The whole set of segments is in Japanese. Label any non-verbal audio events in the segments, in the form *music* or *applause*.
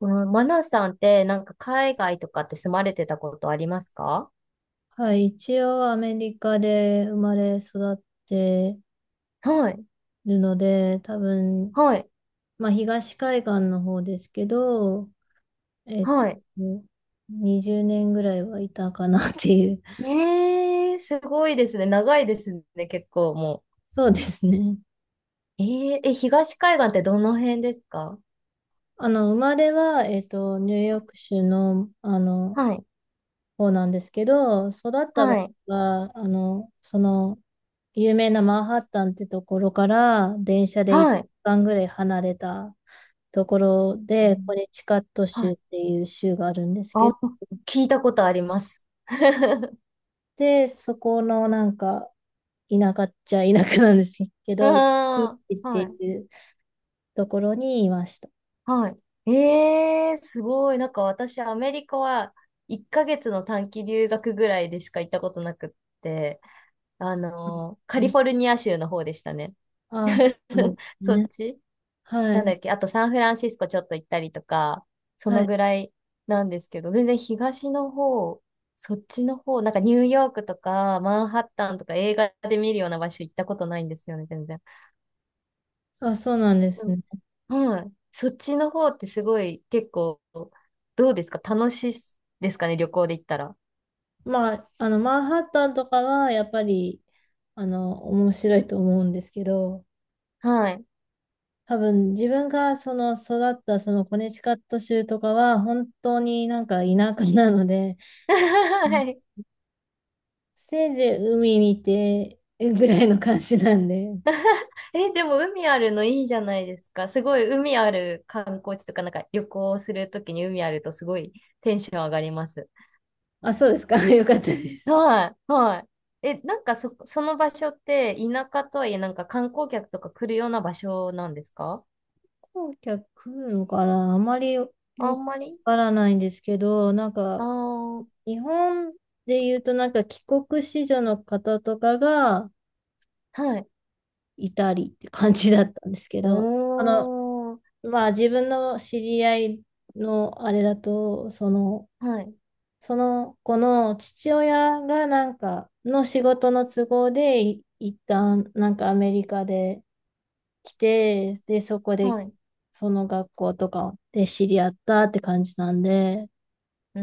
このマナさんってなんか海外とかって住まれてたことありますか？はい、一応アメリカで生まれ育ってはい、るので、多分、はい、まあ東海岸の方ですけど、えっと、はい。20年ぐらいはいたかなっていう。*laughs* すごいですね。長いですね、結構もそうですね。う。えーえ、東海岸ってどの辺ですか？生まれは、ニューヨーク州の、はい、方なんですけど、育った場はい、合は、有名なマンハッタンってところから電車で一はい。番ぐらい離れたところうで、コん。ネチカットは州っい。ていう州があるんですあ、けど、聞いたことあります。*laughs* で、そこのなんか田舎っちゃ田舎なんですけど、ビーあチっあ、てはい、いうところにいました。はい。すごい。なんか私、アメリカは1ヶ月の短期留学ぐらいでしか行ったことなくって、カうリん。フォルニア州の方でしたね。ああ、そ *laughs* うですそっね。ち、はなんだい。っけ、あとサンフランシスコちょっと行ったりとか、そはのい。ぐらいなんですけど、全然東の方、そっちの方、なんかニューヨークとかマンハッタンとか映画で見るような場所行ったことないんですよね、全然。あ、そうなんですね。うん、はい。そっちの方ってすごい結構、どうですか楽しいですかね、旅行で行ったら。まあ、あの、マンハッタンとかはやっぱり、面白いと思うんですけど、はい。多分自分がその育ったそのコネチカット州とかは本当になんか田舎なので、*laughs* うん、はい。せいぜい海見てぐらいの感じなんで。*laughs* え、でも海あるのいいじゃないですか。すごい海ある観光地とか、なんか旅行するときに海あるとすごいテンション上がります。あ、そうですか。*laughs* よかったです。はい、はい。え、なんかその場所って田舎とはいえなんか観光客とか来るような場所なんですか？飛行機は来るのかな、あまりよ、あよくんまわり。からないんですけど、なんああかー、日本で言うとなんか帰国子女の方とかがはい。いたりって感じだったんですけおど、あの、ー、まあ自分の知り合いのあれだと、その、はい、その子の父親がなんかの仕事の都合で一旦なんかアメリカで来て、で、そこではい。その学校とかで知り合ったって感じなんで、うー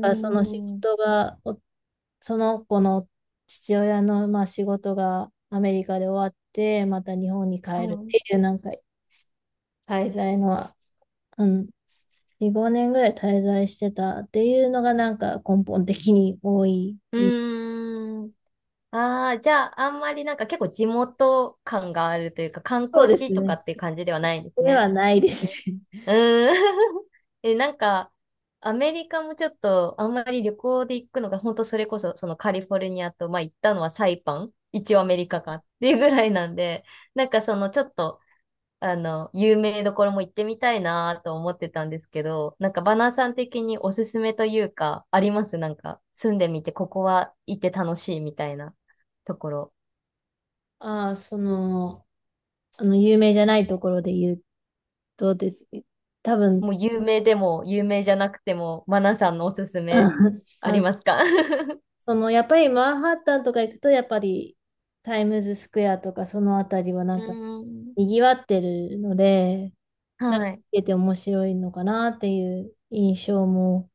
だからその仕は事が、その子の父親のまあ仕事がアメリカで終わって、また日本に帰るっい。ていうなんか滞在の、うん、4、5年ぐらい滞在してたっていうのがなんか根本的に多いうイ。ーん。ああ、じゃあ、あんまりなんか結構地元感があるというか、観そう光です地とかね。っていう感じではないんですでね。はないですね。ね。うーん。*laughs* え、なんか、アメリカもちょっと、あんまり旅行で行くのが、本当それこそ、そのカリフォルニアと、まあ行ったのはサイパン、一応アメリカかっていうぐらいなんで、なんかそのちょっと、有名どころも行ってみたいなと思ってたんですけど、なんかバナーさん的におすすめというか、ありますなんか、住んでみて、ここは行って楽しいみたいなところ。*laughs* ああ、その、有名じゃないところで言うとですね、多分、もう有名でも有名じゃなくても、マナさんのおすすめ *laughs* ありあ、ますか？ *laughs* その、やっぱりマンハッタンとか行くと、やっぱりタイムズスクエアとかそのあたりはなうんかーん。賑わってるので、なんはかい、見てて面白いのかなっていう印象も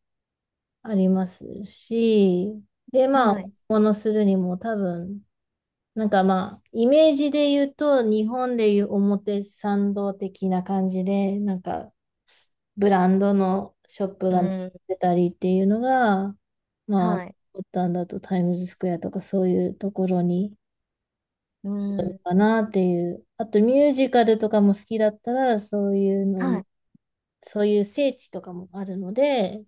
ありますし、で、まあ、はい、ものするにも多分、なんかまあ、イメージで言うと、日本でいう表参道的な感じで、なんかブランドのショップうがーん、出たりっていうのが、まあ、はい、ボタンだとタイムズスクエアとかそういうところにうーあるん、かなっていう。あとミュージカルとかも好きだったら、そういうの、はい、そういう聖地とかもあるので、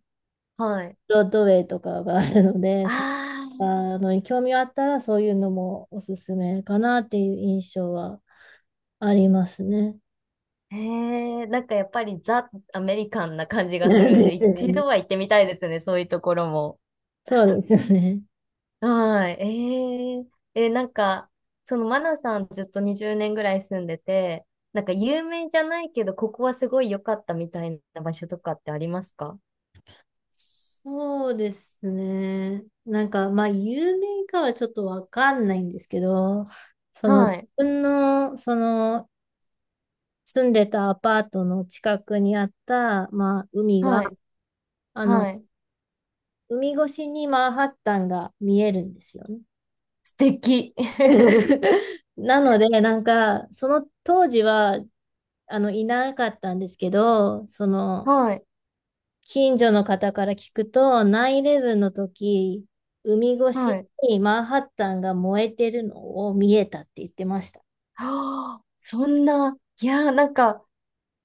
はい。ブロードウェイとかがあるので、そういっあたのに興味があったら、そういうのもおすすめかなっていう印象はありますね。あ、へえ、なんかやっぱりザ・アメリカンな感じがすなんるんでで、すよ一ね。度は行ってみたいですね、そういうところも。そうですよね。はい、なんか、そのマナさんずっと20年ぐらい住んでて、なんか有名じゃないけど、ここはすごい良かったみたいな場所とかってありますか？そうですね。なんか、まあ、有名かはちょっとわかんないんですけど、その、自はい。分の、その、住んでたアパートの近くにあった、まあ、海が、はい。あの、はい。海越しにマンハッタンが見えるんですよね。素敵。*laughs* *laughs* なので、なんか、その当時は、いなかったんですけど、その、はい。近所の方から聞くと、9-11の時、海越はしい。にマンハッタンが燃えてるのを見えたって言ってました。はあ、そんな、いやー、なんか、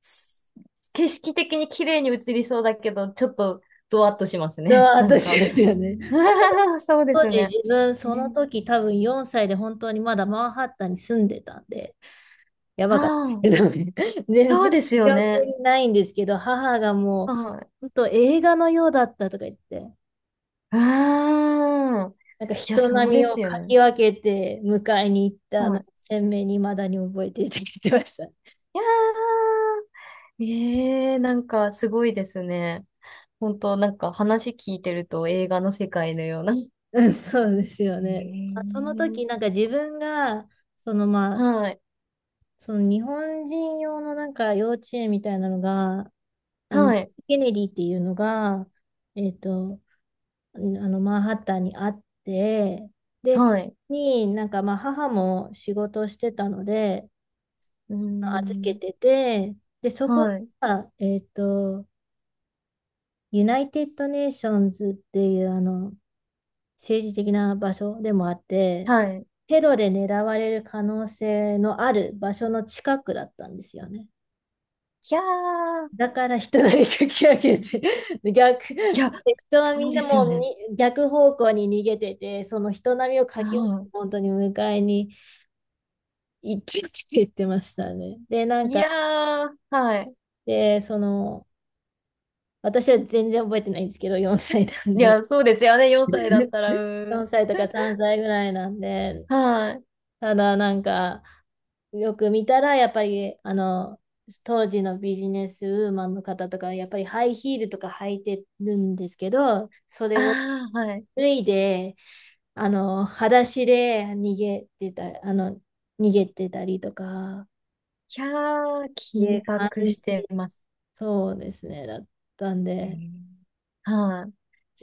す景色的に綺麗に映りそうだけど、ちょっと、ゾワッとしますうね。わ、*laughs* なん私か。ですよね。*laughs* そうで当す時ね。自分、そのね。時多分4歳で本当にまだマンハッタンに住んでたんで、やばかったですああ、けどね。*laughs* 全そう然ですよ記憶ね。にないんですけど、母がもう、はい。本当映画のようだったとか言って、うーん。なんかいや、人そうで波をすよかね。き分けて迎えに行ったはのをい。鮮明に未だに覚えていて言ってました。いやー、ええなんかすごいですね。本当なんか話聞いてると映画の世界のような。うん、そうですよえね。まあそのー、時、なんか自分が、そのまあ、はい、その日本人用のなんか幼稚園みたいなのが、あの、はい、ケネディっていうのが、えっと、マンハッタンにあって、で、そはこい、になんかまあ母も仕事をしてたので、うー預けん、てて、で、そこはい、が、ユナイテッド・ネーションズっていう、あの、政治的な場所でもあって、はい。テロで狙われる可能性のある場所の近くだったんですよね。いやー、だから人がかき上げて、*laughs* 逆、いや、人はそみうんでなすよもうね。に逆方向に逃げてて、その人波をかき上げて、は本当に迎えに行ってって言ってましたね。で、ない。んいか、やー、はい。その、私は全然覚えてないんですけど、4歳なんいで、や、そうですよね、4歳だったら、うーん。4歳とか3歳ぐらいなんで、*laughs* はい。ただなんか、よく見たら、やっぱり、当時のビジネスウーマンの方とか、やっぱりハイヒールとか履いてるんですけど、それをあー、はい。い脱いで、裸足で逃げてたりとか、やー、ね、緊感迫じしてます。そうですね、だったんえで。ー、はい。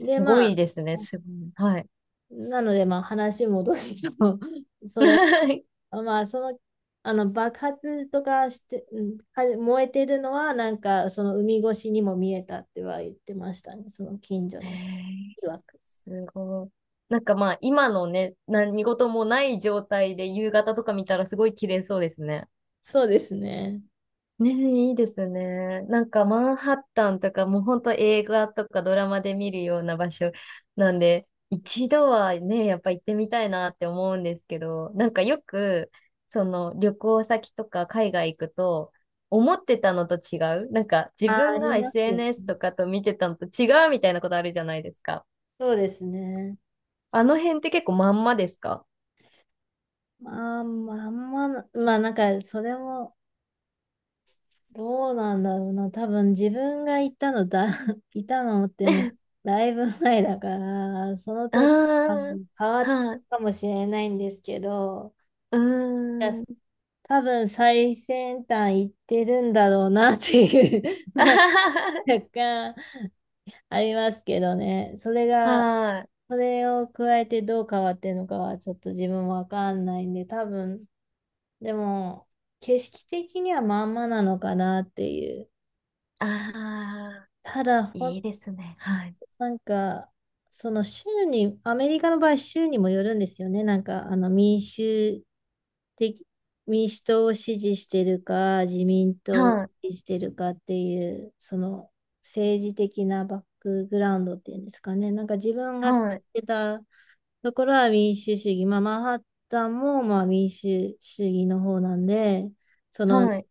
で、ごまいあ、ですね、すごい。はい。なので、まあ、話戻すと、*laughs* それ *laughs* まあ、その、爆発とかして、うん、は燃えてるのは、なんか、その海越しにも見えたっては言ってましたね、その近所へのえ、曰く。すごい。なんかまあ、今のね、何事もない状態で夕方とか見たらすごい綺麗そうですね。そうですね。ねえ、いいですね。なんかマンハッタンとかもうほんと映画とかドラマで見るような場所なんで、一度はね、やっぱ行ってみたいなって思うんですけど、なんかよく、その旅行先とか海外行くと、思ってたのと違う。なんか自あ、あ分りが ますよ SNS ね。とかと見てたのと違うみたいなことあるじゃないですか。そうですね。あの辺って結構まんまですか？ まあ、なんか、それも、どうなんだろうな。多分、自分が行ったのだ、*laughs* いたのっても、*laughs* だいぶ前だから、そのあ時、まあのー、変わっはい、たかもしれないんですけど、うーん。多分最先端行ってるんだろうなっていう *laughs* あ *laughs* は若干ありますけどね。は、はい。それを加えてどう変わってるのかはちょっと自分もわかんないんで、多分、でも景色的にはまんまなのかなっていう。ああ、ただいいですね。はい。なんか、その州に、アメリカの場合、州にもよるんですよね。なんか、的、民主党を支持してるか、自民党を支はい、持してるかっていう、その政治的なバックグラウンドっていうんですかね。なんか自分が知っはい、てたところは民主主義、まあ、マンハッタンもまあ民主主義の方なんで、そのはい。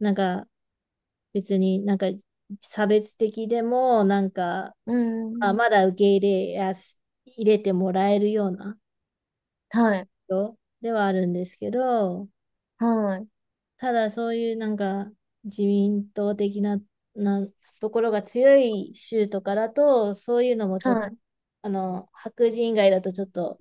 なんか別になんか差別的でも、なんか、うーあ、ん。まだ受け入れやす、入れてもらえるようなはい、人ではあるんですけど、はい、ただそういうなんか自民党的な、なところが強い州とかだと、そういうのもちょっと、はい。白人以外だとちょっと、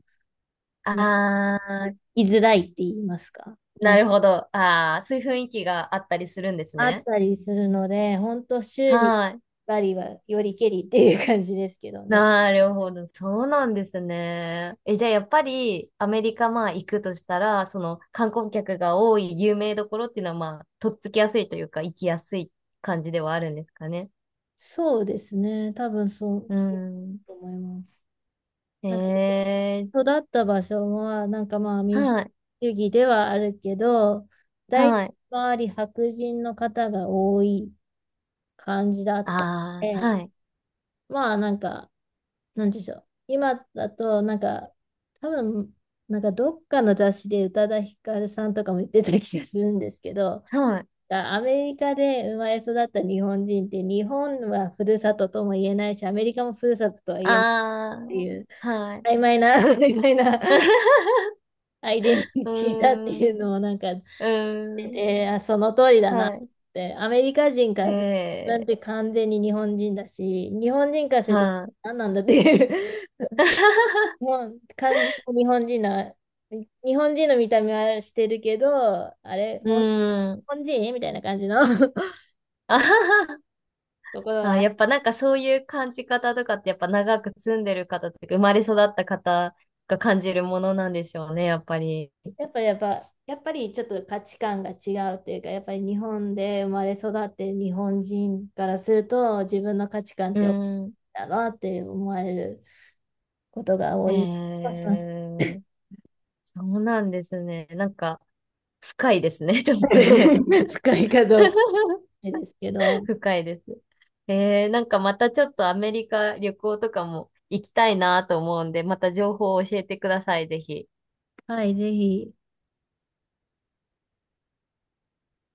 なああ、居づらいって言いますか。ななんかるほど。ああ、そういう雰囲気があったりするんですあっね。たりするので、本当週にはい。2りはよりけりっていう感じですけどね。なるほど。そうなんですね。え、じゃあやっぱりアメリカまあ行くとしたら、その観光客が多い有名どころっていうのはまあ、とっつきやすいというか、行きやすい感じではあるんですかね。そうですね。多分うそうだん。と思います。えなんかー、育った場所は、なんかまあ民主はい、主義ではあるけど、大体はい。周り白人の方が多い感じだっあたのあ、はで、い、まあなんか、なんでしょう。今だと、なんか、多分、なんかどっかの雑誌で宇多田ヒカルさんとかも言ってた気がするんですけど、はい。アメリカで生まれ育った日本人って、日本はふるさととも言えないし、アメリカもふるさととは言えないっあていう、あ、はい。曖昧な *laughs*、曖昧な *laughs* アイデンティうーティだってん、いううのをなんか、ーん、その通りだなっはて、アメリカ人かい。らすると、自分っえて完全に日本人だし、日本人からすー、ると、はい。何なんだっていう、*laughs* もう完全に日本人な、日本人の見た目はしてるけど、あれ、う日ーん。本人みたいな感じの *laughs* あはは、ところあー、がやっぱなんかそういう感じ方とかってやっぱ長く住んでる方とか生まれ育った方が感じるものなんでしょうね、やっぱり。やっぱりちょっと価値観が違うっていうか、やっぱり日本で生まれ育って日本人からすると自分の価値観っうて大きいん。だなって思われることが多えい気がします。ー、そうなんですね。なんか深いですね、*laughs* ちょっとね。*laughs* 深いかどうか *laughs* ですけど、深いです。えー、なんかまたちょっとアメリカ旅行とかも行きたいなと思うんで、また情報を教えてください、ぜひ。はい、ぜひ